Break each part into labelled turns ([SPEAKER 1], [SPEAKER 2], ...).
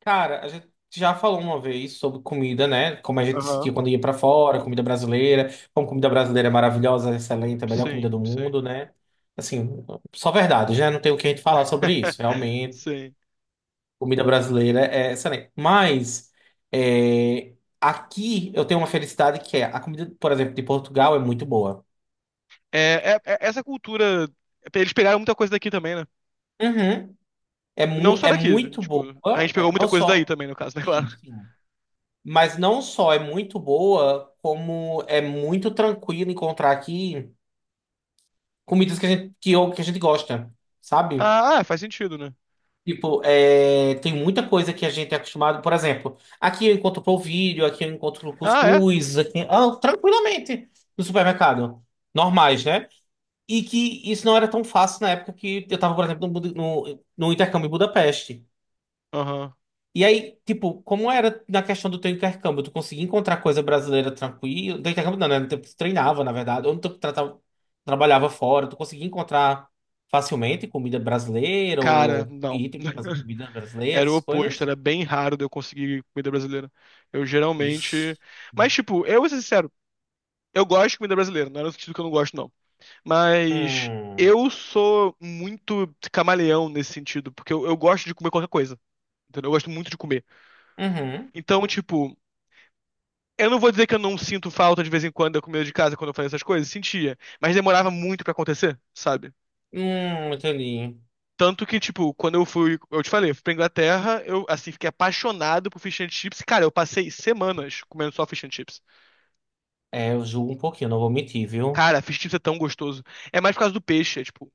[SPEAKER 1] Cara, a gente já falou uma vez sobre comida, né? Como a gente
[SPEAKER 2] Aham.
[SPEAKER 1] sentia quando ia pra fora, comida brasileira, como comida brasileira é maravilhosa, excelente, a melhor comida
[SPEAKER 2] Sim,
[SPEAKER 1] do
[SPEAKER 2] sim.
[SPEAKER 1] mundo, né? Assim, só verdade, já não tem o que a gente falar sobre isso. Realmente,
[SPEAKER 2] Sim.
[SPEAKER 1] comida brasileira é excelente. Mas é, aqui eu tenho uma felicidade que é a comida, por exemplo, de Portugal é muito boa.
[SPEAKER 2] É, essa cultura. Eles pegaram muita coisa daqui também, né?
[SPEAKER 1] Uhum. É,
[SPEAKER 2] Não
[SPEAKER 1] mu
[SPEAKER 2] só
[SPEAKER 1] é
[SPEAKER 2] daqui,
[SPEAKER 1] muito boa,
[SPEAKER 2] tipo, a gente pegou
[SPEAKER 1] é,
[SPEAKER 2] muita
[SPEAKER 1] não
[SPEAKER 2] coisa daí
[SPEAKER 1] só.
[SPEAKER 2] também, no caso, né, claro.
[SPEAKER 1] Sim, sim. Mas não só é muito boa, como é muito tranquilo encontrar aqui comidas que a gente, que a gente gosta, sabe?
[SPEAKER 2] Ah, ah, faz sentido, né?
[SPEAKER 1] Tipo, é, tem muita coisa que a gente é acostumado. Por exemplo, aqui eu encontro polvilho, aqui eu encontro
[SPEAKER 2] Ah, é?
[SPEAKER 1] cuscuz, aqui, ah, tranquilamente no supermercado. Normais, né? E que isso não era tão fácil na época que eu estava, por exemplo, no, intercâmbio em Budapeste.
[SPEAKER 2] Aham.
[SPEAKER 1] E aí, tipo, como era na questão do teu intercâmbio? Tu conseguia encontrar coisa brasileira tranquilo? Do intercâmbio não, né? No tempo que tu treinava, na verdade. Ou no tempo que trabalhava fora, tu conseguia encontrar facilmente comida brasileira
[SPEAKER 2] Cara,
[SPEAKER 1] ou
[SPEAKER 2] não.
[SPEAKER 1] ir, tipo, fazer comida brasileira,
[SPEAKER 2] Era o
[SPEAKER 1] essas
[SPEAKER 2] oposto,
[SPEAKER 1] coisas?
[SPEAKER 2] era bem raro de eu conseguir comida brasileira. Eu
[SPEAKER 1] Ixi.
[SPEAKER 2] geralmente. Mas, tipo, eu vou ser sincero, eu gosto de comida brasileira, não é no sentido que eu não gosto, não. Mas
[SPEAKER 1] Hum.
[SPEAKER 2] eu sou muito camaleão nesse sentido, porque eu gosto de comer qualquer coisa. Entendeu? Eu gosto muito de comer.
[SPEAKER 1] Uhum.
[SPEAKER 2] Então, tipo, eu não vou dizer que eu não sinto falta de vez em quando da comida de casa quando eu fazia essas coisas, sentia, mas demorava muito pra acontecer, sabe?
[SPEAKER 1] Entendi.
[SPEAKER 2] Tanto que, tipo, quando eu fui, eu te falei, eu fui pra Inglaterra, eu, assim, fiquei apaixonado por fish and chips. Cara, eu passei semanas comendo só fish and chips.
[SPEAKER 1] É, eu julgo um pouquinho, não vou mentir, viu?
[SPEAKER 2] Cara, fish and chips é tão gostoso. É mais por causa do peixe, é tipo,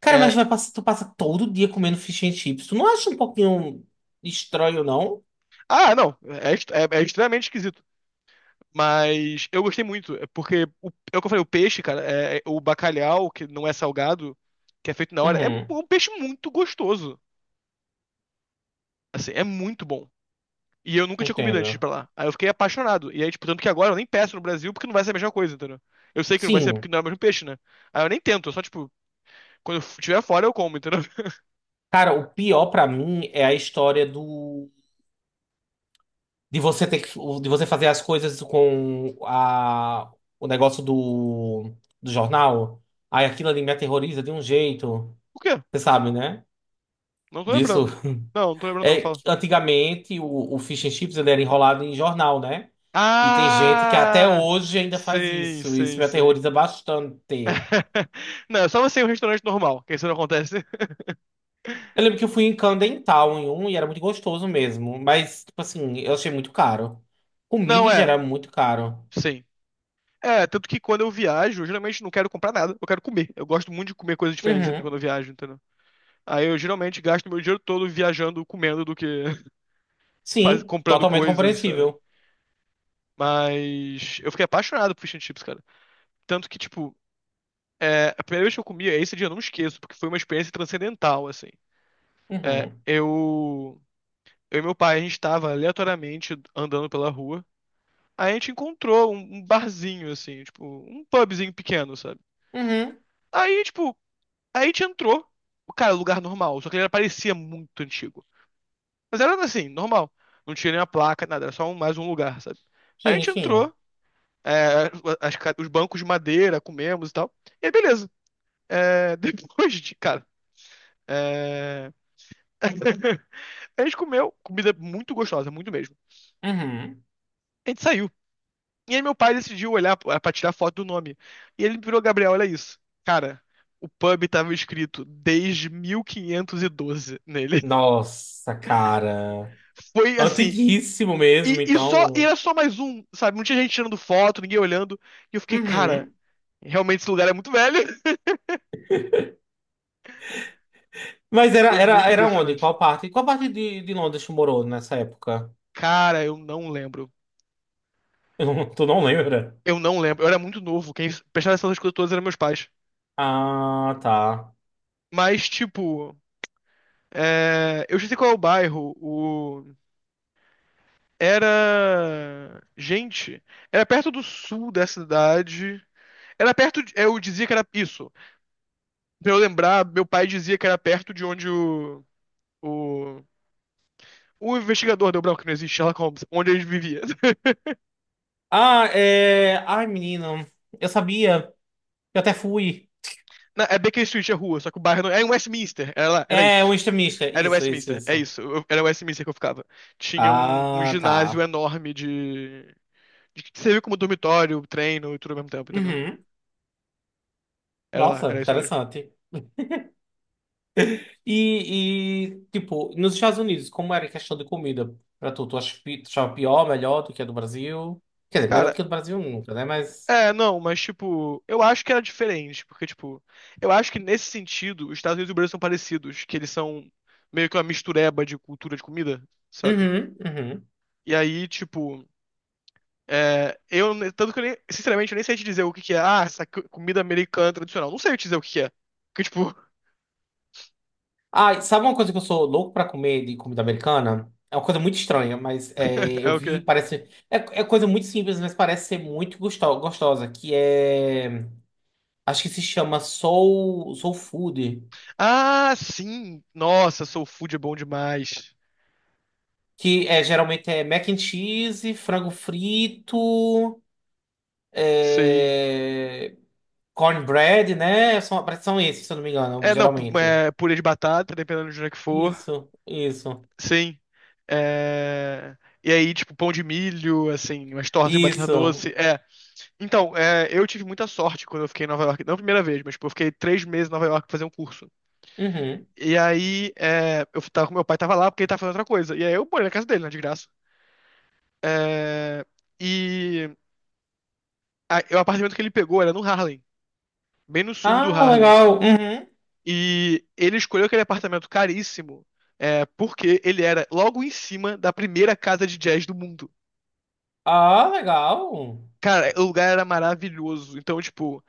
[SPEAKER 1] Cara, mas
[SPEAKER 2] é...
[SPEAKER 1] vai passar, tu passa todo dia comendo fish and chips. Tu não acha um pouquinho estranho, não?
[SPEAKER 2] Ah, não, é, é extremamente esquisito. Mas eu gostei muito, é porque, o, é o que eu falei, o peixe, cara, é o bacalhau, que não é salgado, que é feito na hora, é
[SPEAKER 1] Uhum,
[SPEAKER 2] um peixe muito gostoso. Assim, é muito bom. E eu nunca tinha comido antes de ir
[SPEAKER 1] entendo.
[SPEAKER 2] pra lá. Aí eu fiquei apaixonado. E aí, tipo, tanto que agora eu nem peço no Brasil porque não vai ser a mesma coisa, entendeu? Eu sei que não vai ser porque
[SPEAKER 1] Sim.
[SPEAKER 2] não é o mesmo peixe, né? Aí eu nem tento, eu só, tipo, quando eu estiver fora eu como, entendeu?
[SPEAKER 1] Cara, o pior pra mim é a história do de você ter que, de você fazer as coisas com a o negócio do jornal. Aí aquilo ali me aterroriza de um jeito,
[SPEAKER 2] O quê?
[SPEAKER 1] você sabe, né?
[SPEAKER 2] Não tô
[SPEAKER 1] Disso
[SPEAKER 2] lembrando. Não, não tô lembrando, não,
[SPEAKER 1] é
[SPEAKER 2] fala.
[SPEAKER 1] que antigamente o Fish and Chips ele era enrolado em jornal, né? E tem gente que até
[SPEAKER 2] Ah!
[SPEAKER 1] hoje ainda faz
[SPEAKER 2] Sim,
[SPEAKER 1] isso. Isso
[SPEAKER 2] sim,
[SPEAKER 1] me
[SPEAKER 2] sim.
[SPEAKER 1] aterroriza bastante.
[SPEAKER 2] Não, é só você em um restaurante normal, que isso não acontece.
[SPEAKER 1] Eu lembro que eu fui em Camden Town em um e era muito gostoso mesmo, mas tipo assim, eu achei muito caro. Comida
[SPEAKER 2] Não,
[SPEAKER 1] em
[SPEAKER 2] é,
[SPEAKER 1] geral é muito caro.
[SPEAKER 2] sim. É, tanto que quando eu viajo, eu geralmente não quero comprar nada, eu quero comer. Eu gosto muito de comer coisas diferentes quando
[SPEAKER 1] Uhum.
[SPEAKER 2] eu viajo, entendeu? Aí eu geralmente gasto meu dinheiro todo viajando, comendo do que
[SPEAKER 1] Sim,
[SPEAKER 2] comprando
[SPEAKER 1] totalmente
[SPEAKER 2] coisas, sabe?
[SPEAKER 1] compreensível.
[SPEAKER 2] Mas eu fiquei apaixonado por fish and chips, cara. Tanto que, tipo, é, a primeira vez que eu comia, esse dia eu não esqueço, porque foi uma experiência transcendental, assim. É,
[SPEAKER 1] Uhum.
[SPEAKER 2] eu e meu pai, a gente tava aleatoriamente andando pela rua. Aí a gente encontrou um barzinho, assim, tipo, um pubzinho pequeno, sabe?
[SPEAKER 1] Uhum.
[SPEAKER 2] Aí, tipo, aí a gente entrou. Cara, lugar normal, só que ele parecia muito antigo. Mas era assim, normal. Não tinha nenhuma placa, nada, era só mais um lugar, sabe? Aí a
[SPEAKER 1] Sim,
[SPEAKER 2] gente
[SPEAKER 1] sim.
[SPEAKER 2] entrou, é, os bancos de madeira, comemos e tal. E aí, beleza. É, depois de, cara, é, a gente comeu comida muito gostosa, muito mesmo.
[SPEAKER 1] Uhum.
[SPEAKER 2] A gente saiu. E aí meu pai decidiu olhar pra tirar foto do nome. E ele virou, Gabriel, olha isso. Cara, o pub tava escrito desde 1512 nele.
[SPEAKER 1] Nossa, cara.
[SPEAKER 2] Foi assim,
[SPEAKER 1] Antiguíssimo mesmo,
[SPEAKER 2] E só, e
[SPEAKER 1] então.
[SPEAKER 2] era só mais um, sabe? Não tinha gente tirando foto, ninguém olhando. E eu fiquei, cara,
[SPEAKER 1] Uhum.
[SPEAKER 2] realmente esse lugar é muito velho.
[SPEAKER 1] Mas era,
[SPEAKER 2] Foi
[SPEAKER 1] era,
[SPEAKER 2] muito
[SPEAKER 1] era onde?
[SPEAKER 2] impressionante.
[SPEAKER 1] Qual parte? Qual parte de Londres tu morou nessa época?
[SPEAKER 2] Cara, eu não lembro.
[SPEAKER 1] Eu não- Tu não lembra?
[SPEAKER 2] Eu não lembro. Eu era muito novo. Quem prestava atenção nessas coisas todas eram meus pais.
[SPEAKER 1] Ah, tá.
[SPEAKER 2] Mas, tipo, é, eu já sei qual é o bairro. O... Era. Gente, era perto do sul da cidade. Era perto. De- Eu dizia que era isso. Pra eu lembrar, meu pai dizia que era perto de onde o. O. O investigador deu branco que não existe Sherlock Holmes, onde ele vivia.
[SPEAKER 1] Ah, é. Ai, menino. Eu sabia. Eu até fui.
[SPEAKER 2] É Baker Street, é rua, só que o bairro não. Era em Westminster, era lá, era
[SPEAKER 1] É, um
[SPEAKER 2] isso.
[SPEAKER 1] extremista.
[SPEAKER 2] Era em
[SPEAKER 1] Isso, isso,
[SPEAKER 2] Westminster, é
[SPEAKER 1] isso.
[SPEAKER 2] isso. eu- Era em Westminster que eu ficava. Tinha um
[SPEAKER 1] Ah,
[SPEAKER 2] ginásio
[SPEAKER 1] tá.
[SPEAKER 2] enorme de. De que servia como dormitório, treino e tudo ao mesmo tempo, entendeu?
[SPEAKER 1] Uhum.
[SPEAKER 2] Era lá,
[SPEAKER 1] Nossa,
[SPEAKER 2] era isso mesmo.
[SPEAKER 1] interessante. E, tipo, nos Estados Unidos, como era a questão de comida pra tu? Tu achava pior, melhor do que a do Brasil? Quer dizer, melhor do que
[SPEAKER 2] Cara,
[SPEAKER 1] a do Brasil nunca, né? Mas.
[SPEAKER 2] é, não, mas tipo, eu acho que era diferente, porque, tipo, eu acho que nesse sentido, os Estados Unidos e o Brasil são parecidos, que eles são meio que uma mistureba de cultura de comida, sabe?
[SPEAKER 1] Uhum, uhum.
[SPEAKER 2] E aí, tipo. É, eu, tanto que eu nem, sinceramente, eu nem sei te dizer o que que é. Ah, essa comida americana tradicional. Não sei eu te dizer o que que é. Que, tipo,
[SPEAKER 1] Ah, e sabe uma coisa que eu sou louco pra comer de comida americana? É uma coisa muito estranha, mas é,
[SPEAKER 2] é
[SPEAKER 1] eu
[SPEAKER 2] o
[SPEAKER 1] vi,
[SPEAKER 2] quê?
[SPEAKER 1] parece. É, é coisa muito simples, mas parece ser muito gostosa. Que é. Acho que se chama Soul, Soul Food.
[SPEAKER 2] Ah, sim! Nossa, soul food é bom demais.
[SPEAKER 1] Que é, geralmente é mac and cheese, frango frito.
[SPEAKER 2] Sim.
[SPEAKER 1] É... Cornbread, né? São, parece que são esses, se eu não me engano,
[SPEAKER 2] É, não,
[SPEAKER 1] geralmente.
[SPEAKER 2] purê de batata, dependendo de onde é que for.
[SPEAKER 1] Isso, isso,
[SPEAKER 2] Sim. É, E aí, tipo, pão de milho, assim, umas tortas de batata
[SPEAKER 1] isso.
[SPEAKER 2] doce. É. Então, é, eu tive muita sorte quando eu fiquei em Nova York. Não a primeira vez, mas, tipo, eu fiquei três meses em Nova York pra fazer um curso.
[SPEAKER 1] Uhum.
[SPEAKER 2] E aí, é, eu tava com meu pai, tava lá porque ele tava fazendo outra coisa. E aí eu morei na casa dele, né, de graça. É, e é o apartamento que ele pegou era no Harlem, bem no sul do
[SPEAKER 1] Ah,
[SPEAKER 2] Harlem.
[SPEAKER 1] legal. Uhum.
[SPEAKER 2] E ele escolheu aquele apartamento caríssimo, é, porque ele era logo em cima da primeira casa de jazz do mundo.
[SPEAKER 1] Ah, legal.
[SPEAKER 2] Cara, o lugar era maravilhoso. Então, tipo,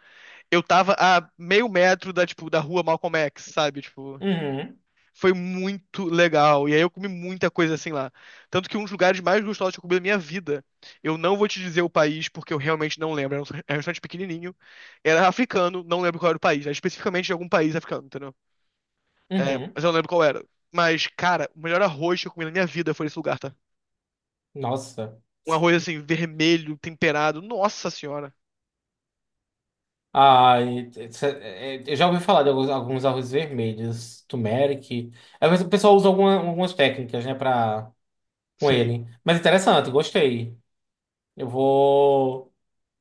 [SPEAKER 2] eu tava a meio metro da, tipo, da rua Malcolm X, sabe? Tipo,
[SPEAKER 1] Uhum.
[SPEAKER 2] foi muito legal. E aí eu comi muita coisa assim lá. Tanto que um dos lugares mais gostosos que eu comi da minha vida. Eu não vou te dizer o país, porque eu realmente não lembro. Era um restaurante pequenininho. Era africano, não lembro qual era o país. Era especificamente de algum país africano, entendeu? É,
[SPEAKER 1] Uhum.
[SPEAKER 2] mas eu não lembro qual era. Mas, cara, o melhor arroz que eu comi na minha vida foi nesse lugar, tá?
[SPEAKER 1] Nossa.
[SPEAKER 2] Um arroz assim, vermelho, temperado. Nossa senhora.
[SPEAKER 1] Ah, eu já ouvi falar de alguns, alguns arroz vermelhos, turmeric. Às vezes o pessoal usa algumas técnicas, né, pra, com
[SPEAKER 2] Sim.
[SPEAKER 1] ele. Mas interessante, gostei. Eu vou.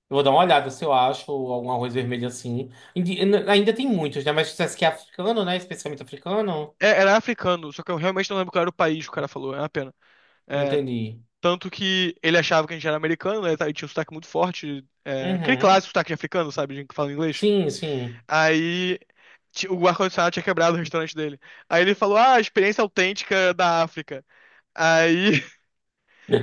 [SPEAKER 1] Eu vou dar uma olhada se eu acho algum arroz vermelho assim. Indi- Ainda tem muitos, né? Mas se que é africano, né? Especialmente africano.
[SPEAKER 2] É, era africano, só que eu realmente não lembro qual era o país que o cara falou. É uma pena. É,
[SPEAKER 1] Entendi.
[SPEAKER 2] tanto que ele achava que a gente era americano, né? E tinha um sotaque muito forte. É, aquele
[SPEAKER 1] Uhum.
[SPEAKER 2] clássico sotaque de africano, sabe? De gente que fala inglês.
[SPEAKER 1] Sim, sim.
[SPEAKER 2] Aí o ar-condicionado tinha quebrado o restaurante dele. Aí ele falou, ah, experiência autêntica da África. Aí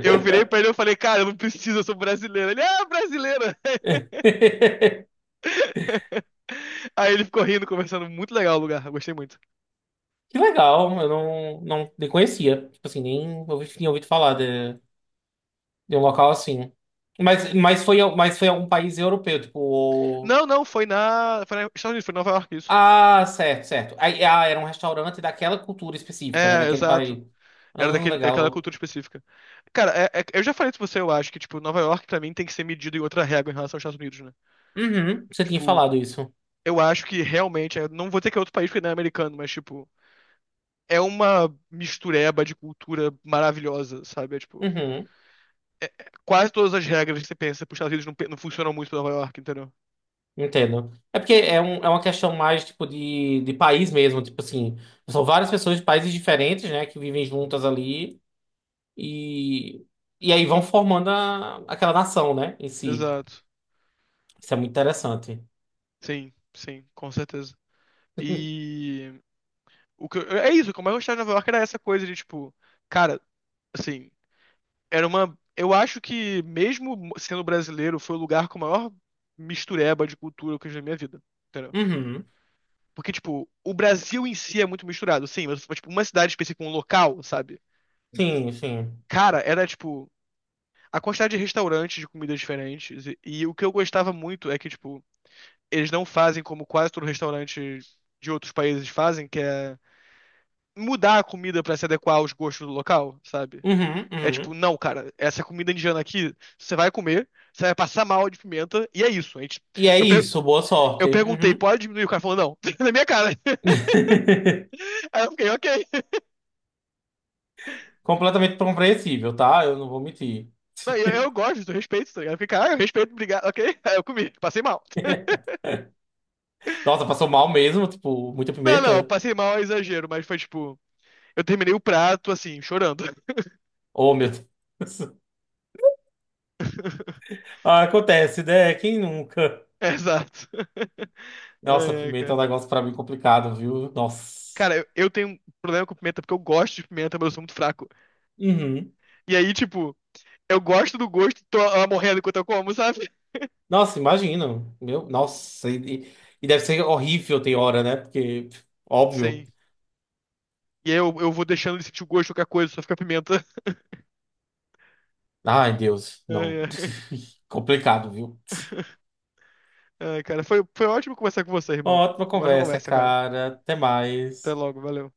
[SPEAKER 2] eu virei pra ele e falei, cara, eu não preciso, eu sou brasileiro. Ele, ah, brasileira! Aí ele ficou rindo, conversando. Muito legal o lugar, eu gostei muito.
[SPEAKER 1] Que legal. Eu não, não nem conhecia. Tipo assim, nem ouvi, tinha ouvido falar de um local assim. Mas, foi, mas foi algum país europeu, tipo. O-
[SPEAKER 2] Não, não, foi na... Foi na Estados Unidos, foi em Nova York, isso.
[SPEAKER 1] Ah, certo, certo. Aí, ah, era um restaurante daquela cultura específica, né?
[SPEAKER 2] É,
[SPEAKER 1] Daquele
[SPEAKER 2] exato.
[SPEAKER 1] país.
[SPEAKER 2] Era
[SPEAKER 1] Ah,
[SPEAKER 2] daquele, daquela
[SPEAKER 1] legal.
[SPEAKER 2] cultura específica. Cara, eu já falei isso pra você, eu acho que, tipo, Nova York pra mim tem que ser medido em outra régua em relação aos Estados Unidos, né?
[SPEAKER 1] Uhum. Você tinha
[SPEAKER 2] Tipo,
[SPEAKER 1] falado isso.
[SPEAKER 2] eu acho que realmente, eu não vou dizer que é outro país porque não é americano, mas, tipo, é uma mistureba de cultura maravilhosa, sabe? É, tipo,
[SPEAKER 1] Uhum.
[SPEAKER 2] quase todas as regras que você pensa pros Estados Unidos não, não funcionam muito pra Nova York, entendeu?
[SPEAKER 1] Entendo. É porque é, um, é uma questão mais tipo de país mesmo, tipo assim, são várias pessoas de países diferentes, né, que vivem juntas ali e, e aí vão formando aquela nação, né, em si.
[SPEAKER 2] Exato.
[SPEAKER 1] Isso é muito interessante.
[SPEAKER 2] Sim, sim, com certeza. E o que é isso, como eu mais gostava de Nova York era essa coisa de, tipo, cara, assim. Era uma. Eu acho que, mesmo sendo brasileiro, foi o lugar com a maior mistureba de cultura que eu já vi na minha vida. Entendeu?
[SPEAKER 1] Uhum.
[SPEAKER 2] Porque, tipo, o Brasil em si é muito misturado, sim, mas, tipo, uma cidade específica, um local, sabe?
[SPEAKER 1] Sim, sim.
[SPEAKER 2] Cara, era, tipo, a quantidade de restaurantes de comidas diferentes. E o que eu gostava muito é que, tipo, eles não fazem como quase todo restaurante de outros países fazem, que é mudar a comida pra se adequar aos gostos do local, sabe?
[SPEAKER 1] Uhum,
[SPEAKER 2] É tipo,
[SPEAKER 1] uhum.
[SPEAKER 2] não, cara, essa comida indiana aqui, você vai comer, você vai passar mal de pimenta, e é isso. A gente,
[SPEAKER 1] E é
[SPEAKER 2] eu, per-
[SPEAKER 1] isso, boa sorte.
[SPEAKER 2] eu perguntei,
[SPEAKER 1] Uhum.
[SPEAKER 2] pode diminuir? O cara falou, não, na minha cara. Aí eu fiquei, ok.
[SPEAKER 1] Completamente compreensível, tá? Eu não vou mentir.
[SPEAKER 2] Não, eu gosto, eu respeito, tá ligado? Eu fiquei, cara, eu respeito, obrigado, ok. Aí eu comi, passei mal.
[SPEAKER 1] Nossa, passou mal mesmo, tipo, muita
[SPEAKER 2] Não, não,
[SPEAKER 1] pimenta.
[SPEAKER 2] passei mal é exagero, mas foi tipo, eu terminei o prato, assim, chorando.
[SPEAKER 1] Oh, meu Deus. Ah, acontece, né? Quem nunca?
[SPEAKER 2] Exato. Ai,
[SPEAKER 1] Nossa,
[SPEAKER 2] ai,
[SPEAKER 1] pimenta é um
[SPEAKER 2] cara.
[SPEAKER 1] negócio pra mim complicado, viu? Nossa.
[SPEAKER 2] Cara, eu tenho um problema com pimenta porque eu gosto de pimenta, mas eu sou muito fraco.
[SPEAKER 1] Uhum.
[SPEAKER 2] E aí, tipo, eu gosto do gosto, tô ah, morrendo enquanto eu como, sabe?
[SPEAKER 1] Nossa, imagino. Meu, nossa. E e deve ser horrível tem hora, né? Porque, óbvio.
[SPEAKER 2] Sim. E aí eu vou deixando ele sentir o gosto de qualquer coisa, só fica pimenta.
[SPEAKER 1] Ai, Deus, não.
[SPEAKER 2] Ai, ai.
[SPEAKER 1] Complicado, viu?
[SPEAKER 2] Ai, cara, foi ótimo conversar com você, irmão.
[SPEAKER 1] Ótima
[SPEAKER 2] Foi mais uma
[SPEAKER 1] conversa,
[SPEAKER 2] conversa, cara.
[SPEAKER 1] cara. Até
[SPEAKER 2] Até
[SPEAKER 1] mais.
[SPEAKER 2] logo, valeu.